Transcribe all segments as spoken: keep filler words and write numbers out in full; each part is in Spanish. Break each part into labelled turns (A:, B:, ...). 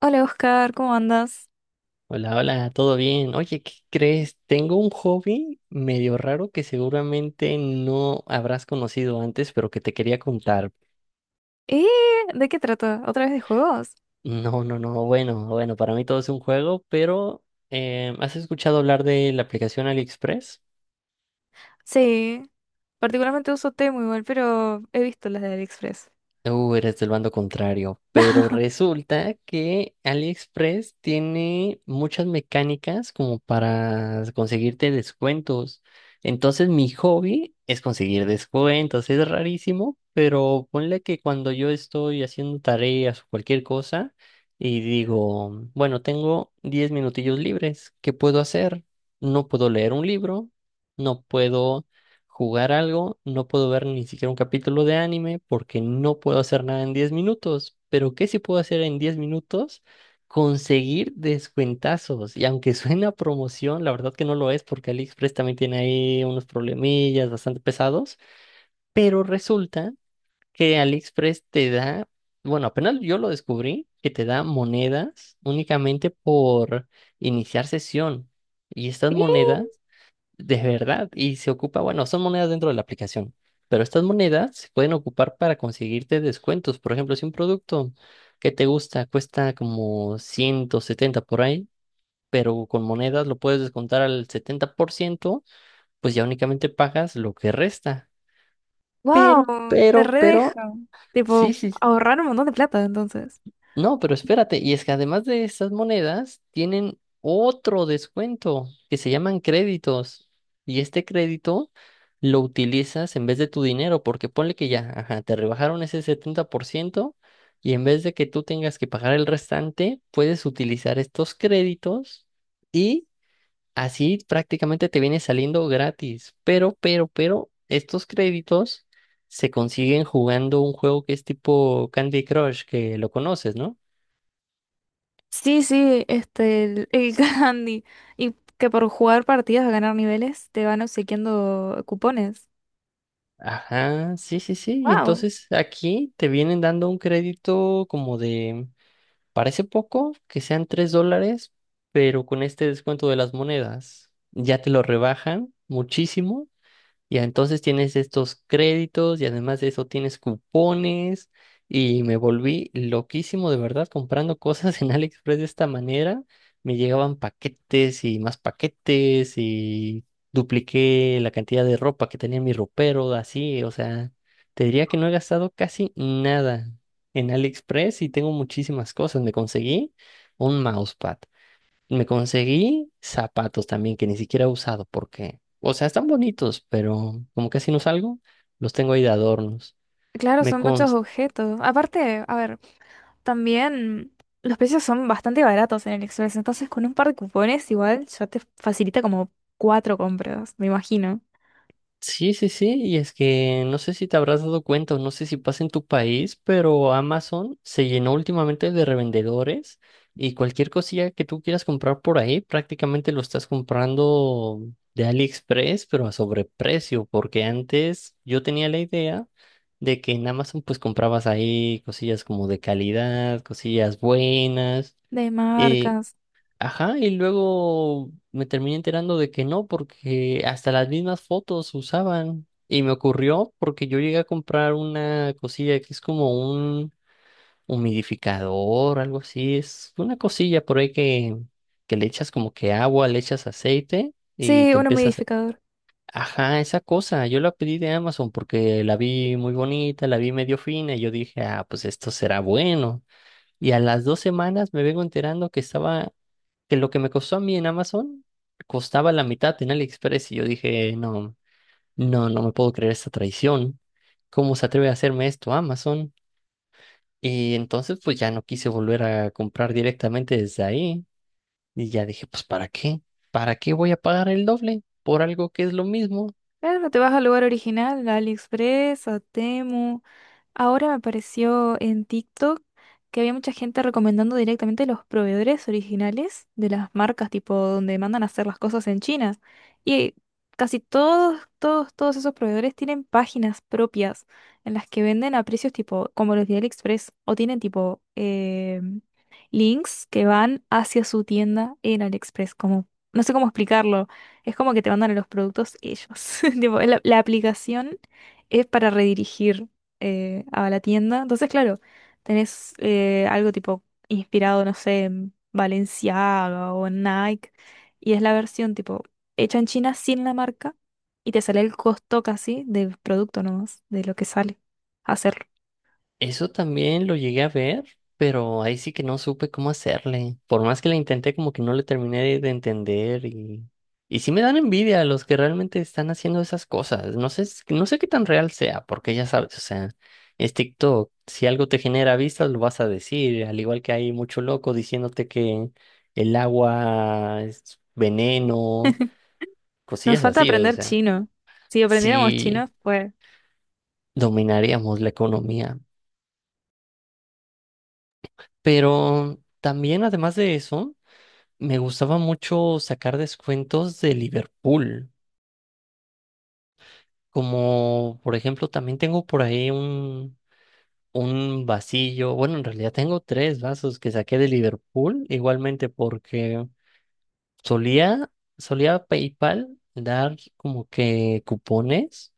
A: Hola Oscar, ¿cómo andas?
B: Hola, hola, ¿todo bien? Oye, ¿qué crees? Tengo un hobby medio raro que seguramente no habrás conocido antes, pero que te quería contar.
A: ¿Eh? ¿De qué trata? ¿Otra vez de juegos?
B: No, no, no, bueno, bueno, para mí todo es un juego, pero eh, ¿has escuchado hablar de la aplicación AliExpress?
A: Sí, particularmente uso Temu igual, pero he visto las de AliExpress.
B: Uh, eres del bando contrario, pero resulta que AliExpress tiene muchas mecánicas como para conseguirte descuentos. Entonces mi hobby es conseguir descuentos, es rarísimo, pero ponle que cuando yo estoy haciendo tareas o cualquier cosa y digo, bueno, tengo diez minutillos libres, ¿qué puedo hacer? No puedo leer un libro, no puedo jugar algo, no puedo ver ni siquiera un capítulo de anime porque no puedo hacer nada en diez minutos. Pero ¿qué sí puedo hacer en diez minutos? Conseguir descuentazos. Y aunque suena a promoción, la verdad que no lo es porque AliExpress también tiene ahí unos problemillas bastante pesados. Pero resulta que AliExpress te da, bueno, apenas yo lo descubrí, que te da monedas únicamente por iniciar sesión. Y estas monedas
A: ¡Eh!
B: de verdad, y se ocupa, bueno, son monedas dentro de la aplicación, pero estas monedas se pueden ocupar para conseguirte descuentos. Por ejemplo, si un producto que te gusta cuesta como ciento setenta por ahí, pero con monedas lo puedes descontar al setenta por ciento, pues ya únicamente pagas lo que resta. Pero,
A: ¡Wow! Te
B: pero,
A: redeja.
B: pero, sí,
A: Tipo,
B: sí.
A: ahorrar un montón de plata entonces.
B: No, pero espérate, y es que además de esas monedas, tienen otro descuento que se llaman créditos. Y este crédito lo utilizas en vez de tu dinero, porque ponle que ya, ajá, te rebajaron ese setenta por ciento y en vez de que tú tengas que pagar el restante, puedes utilizar estos créditos y así prácticamente te viene saliendo gratis. Pero, pero, pero, estos créditos se consiguen jugando un juego que es tipo Candy Crush, que lo conoces, ¿no?
A: Sí, sí, este, el, el candy. Y que por jugar partidas a ganar niveles te van obsequiando cupones.
B: Ajá, sí, sí, sí. Y
A: ¡Wow!
B: entonces aquí te vienen dando un crédito como de, parece poco, que sean tres dólares, pero con este descuento de las monedas ya te lo rebajan muchísimo y entonces tienes estos créditos y además de eso tienes cupones y me volví loquísimo de verdad comprando cosas en AliExpress de esta manera. Me llegaban paquetes y más paquetes y dupliqué la cantidad de ropa que tenía en mi ropero, así, o sea, te diría que no he gastado casi nada en AliExpress y tengo muchísimas cosas. Me conseguí un mousepad. Me conseguí zapatos también que ni siquiera he usado porque, o sea, están bonitos, pero como casi no salgo, los tengo ahí de adornos.
A: Claro,
B: Me,
A: son muchos
B: cons-
A: objetos. Aparte, a ver. También los precios son bastante baratos en el Express, entonces con un par de cupones igual ya te facilita como cuatro compras, me imagino.
B: Sí, sí, sí, y es que no sé si te habrás dado cuenta o no sé si pasa en tu país, pero Amazon se llenó últimamente de revendedores y cualquier cosilla que tú quieras comprar por ahí, prácticamente lo estás comprando de AliExpress, pero a sobreprecio, porque antes yo tenía la idea de que en Amazon pues comprabas ahí cosillas como de calidad, cosillas buenas.
A: De marcas.
B: Ajá, y luego me terminé enterando de que no, porque hasta las mismas fotos usaban. Y me ocurrió porque yo llegué a comprar una cosilla que es como un humidificador, algo así. Es una cosilla por ahí que, que le echas como que agua, le echas aceite y
A: Sí,
B: te
A: uno
B: empiezas.
A: modificador.
B: Ajá, esa cosa. Yo la pedí de Amazon porque la vi muy bonita, la vi medio fina y yo dije, ah, pues esto será bueno. Y a las dos semanas me vengo enterando que estaba, que lo que me costó a mí en Amazon costaba la mitad en AliExpress y yo dije, no, no, no me puedo creer esta traición. ¿Cómo se atreve a hacerme esto Amazon? Y entonces pues ya no quise volver a comprar directamente desde ahí y ya dije, pues ¿para qué? ¿Para qué voy a pagar el doble por algo que es lo mismo?
A: Claro, te vas al lugar original, a AliExpress, a Temu. Ahora me apareció en TikTok que había mucha gente recomendando directamente los proveedores originales de las marcas, tipo donde mandan a hacer las cosas en China. Y casi todos, todos, todos esos proveedores tienen páginas propias en las que venden a precios tipo como los de AliExpress o tienen tipo eh, links que van hacia su tienda en AliExpress, como no sé cómo explicarlo. Es como que te mandan los productos ellos. Tipo, la, la aplicación es para redirigir eh, a la tienda. Entonces, claro, tenés eh, algo tipo inspirado, no sé, en Balenciaga o en Nike. Y es la versión tipo hecha en China sin la marca. Y te sale el costo casi del producto nomás, de lo que sale hacerlo.
B: Eso también lo llegué a ver, pero ahí sí que no supe cómo hacerle. Por más que la intenté, como que no le terminé de, de, entender y, y sí me dan envidia los que realmente están haciendo esas cosas. No sé, s- no sé qué tan real sea, porque ya sabes, o sea, es TikTok. Si algo te genera vistas, lo vas a decir. Al igual que hay mucho loco diciéndote que el agua es veneno,
A: Nos
B: cosillas
A: falta
B: así, o
A: aprender
B: sea,
A: chino. Si aprendiéramos
B: sí
A: chino, pues...
B: dominaríamos la economía. Pero también, además de eso. Me gustaba mucho sacar descuentos de Liverpool, como por ejemplo también tengo por ahí un, un, vasillo, bueno, en realidad tengo tres vasos que saqué de Liverpool, igualmente porque solía, solía PayPal dar como que cupones.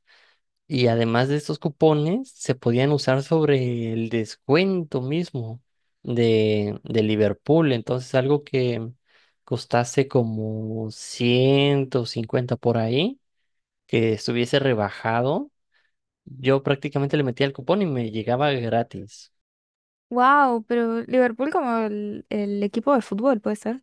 B: Y además de estos cupones, se podían usar sobre el descuento mismo de, de Liverpool. Entonces, algo que costase como ciento cincuenta por ahí, que estuviese rebajado, yo prácticamente le metía el cupón y me llegaba gratis.
A: Wow, pero Liverpool como el, el equipo de fútbol, ¿puede ser?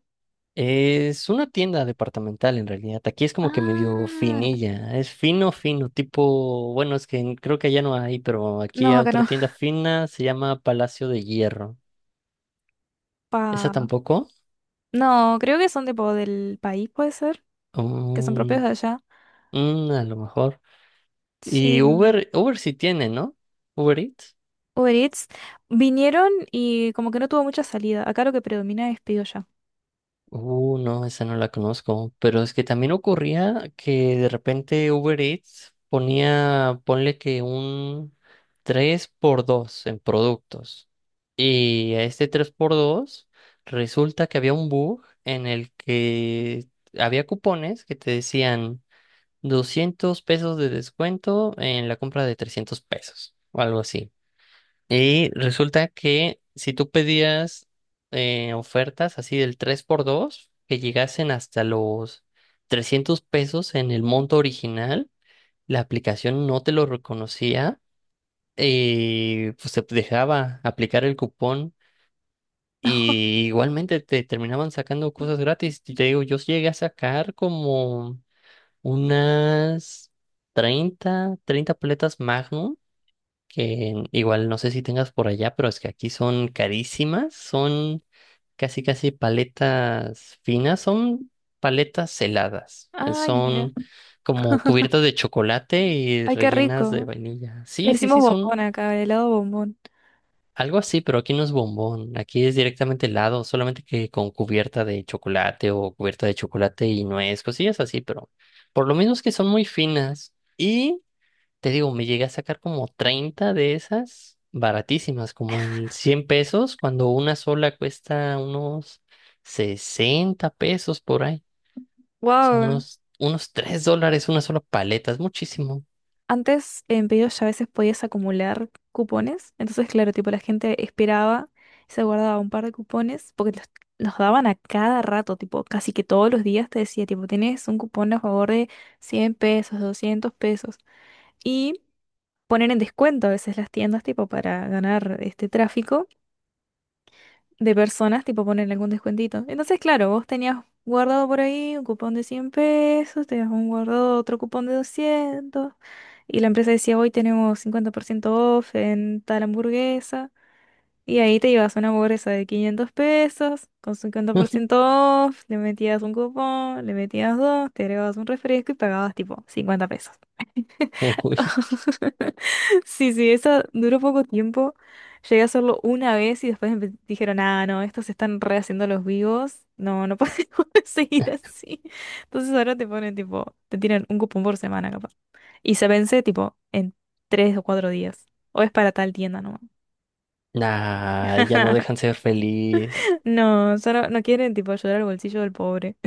B: Es una tienda departamental en realidad. Aquí es como que medio
A: Ah,
B: finilla. Es fino, fino, tipo, bueno, es que creo que allá no hay, pero aquí
A: no,
B: hay
A: acá
B: otra
A: no.
B: tienda fina, se llama Palacio de Hierro. Esa
A: Pa-
B: tampoco.
A: No, creo que son tipo del país, puede ser, que son
B: Oh,
A: propios de allá.
B: mm, a lo mejor.
A: Sí,
B: Y
A: n-
B: Uber, Uber sí tiene, ¿no? Uber Eats.
A: Uber Eats vinieron y como que no tuvo mucha salida. Acá lo que predomina es pido ya.
B: Uh, no, esa no la conozco. Pero es que también ocurría que de repente Uber Eats ponía, ponle que un tres por dos en productos. Y a este tres por dos resulta que había un bug en el que había cupones que te decían doscientos pesos de descuento en la compra de trescientos pesos o algo así. Y resulta que si tú pedías eh, ofertas así del tres por dos que llegasen hasta los trescientos pesos en el monto original, la aplicación no te lo reconocía y pues te dejaba aplicar el cupón. Y igualmente te terminaban sacando cosas gratis. Y te digo, yo llegué a sacar como unas treinta treinta paletas Magnum, que igual no sé si tengas por allá, pero es que aquí son carísimas, son casi casi paletas finas, son paletas heladas, eh,
A: Ay, mira.
B: son como cubiertas de chocolate y
A: Ay, qué
B: rellenas de
A: rico.
B: vainilla.
A: Le
B: Sí, sí,
A: decimos
B: sí,
A: bombón
B: son
A: acá, helado bombón.
B: algo así, pero aquí no es bombón, aquí es directamente helado, solamente que con cubierta de chocolate o cubierta de chocolate y nuez, cosillas así, pero por lo menos que son muy finas. Y te digo, me llegué a sacar como treinta de esas baratísimas, como en cien pesos, cuando una sola cuesta unos sesenta pesos por ahí. O sea,
A: Wow.
B: unos, unos tres dólares una sola paleta, es muchísimo.
A: Antes en pedidos ya a veces podías acumular cupones, entonces claro, tipo la gente esperaba, se guardaba un par de cupones porque los, los daban a cada rato, tipo casi que todos los días te decía, tipo, tenés un cupón a favor de cien pesos, doscientos pesos y poner en descuento a veces las tiendas, tipo, para ganar este tráfico de personas, tipo poner algún descuentito. Entonces, claro, vos tenías guardado por ahí un cupón de cien pesos, tenías un guardado otro cupón de doscientos y la empresa decía, hoy tenemos cincuenta por ciento off en tal hamburguesa, y ahí te ibas a una hamburguesa de quinientos pesos, con cincuenta por ciento off, le metías un cupón, le metías dos, te agregabas un refresco y pagabas tipo cincuenta pesos.
B: Uy,
A: Sí, sí, eso duró poco tiempo. Llegué a hacerlo una vez y después empe- dijeron, ah, no, estos se están rehaciendo los vivos. No, no podemos seguir así. Entonces ahora te ponen tipo, te tiran un cupón por semana capaz. Y se vence tipo en tres o cuatro días. O es para tal tienda nomás.
B: nah, ya no dejan ser feliz.
A: No, solo no quieren tipo ayudar al bolsillo del pobre.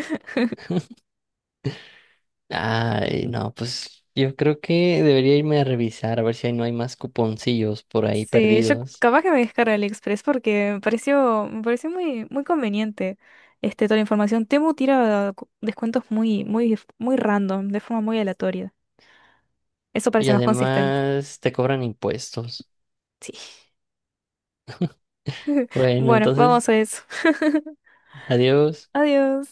B: Ay, no, pues yo creo que debería irme a revisar a ver si ahí no hay más cuponcillos por ahí
A: Sí, yo
B: perdidos.
A: capaz que me descargo AliExpress porque me pareció, me pareció muy, muy conveniente este, toda la información. Temu tira cu- descuentos muy, muy, muy random, de forma muy aleatoria. Eso
B: Y
A: parece más consistente.
B: además te cobran impuestos.
A: Sí.
B: Bueno,
A: Bueno, vamos
B: entonces,
A: a eso.
B: adiós.
A: Adiós.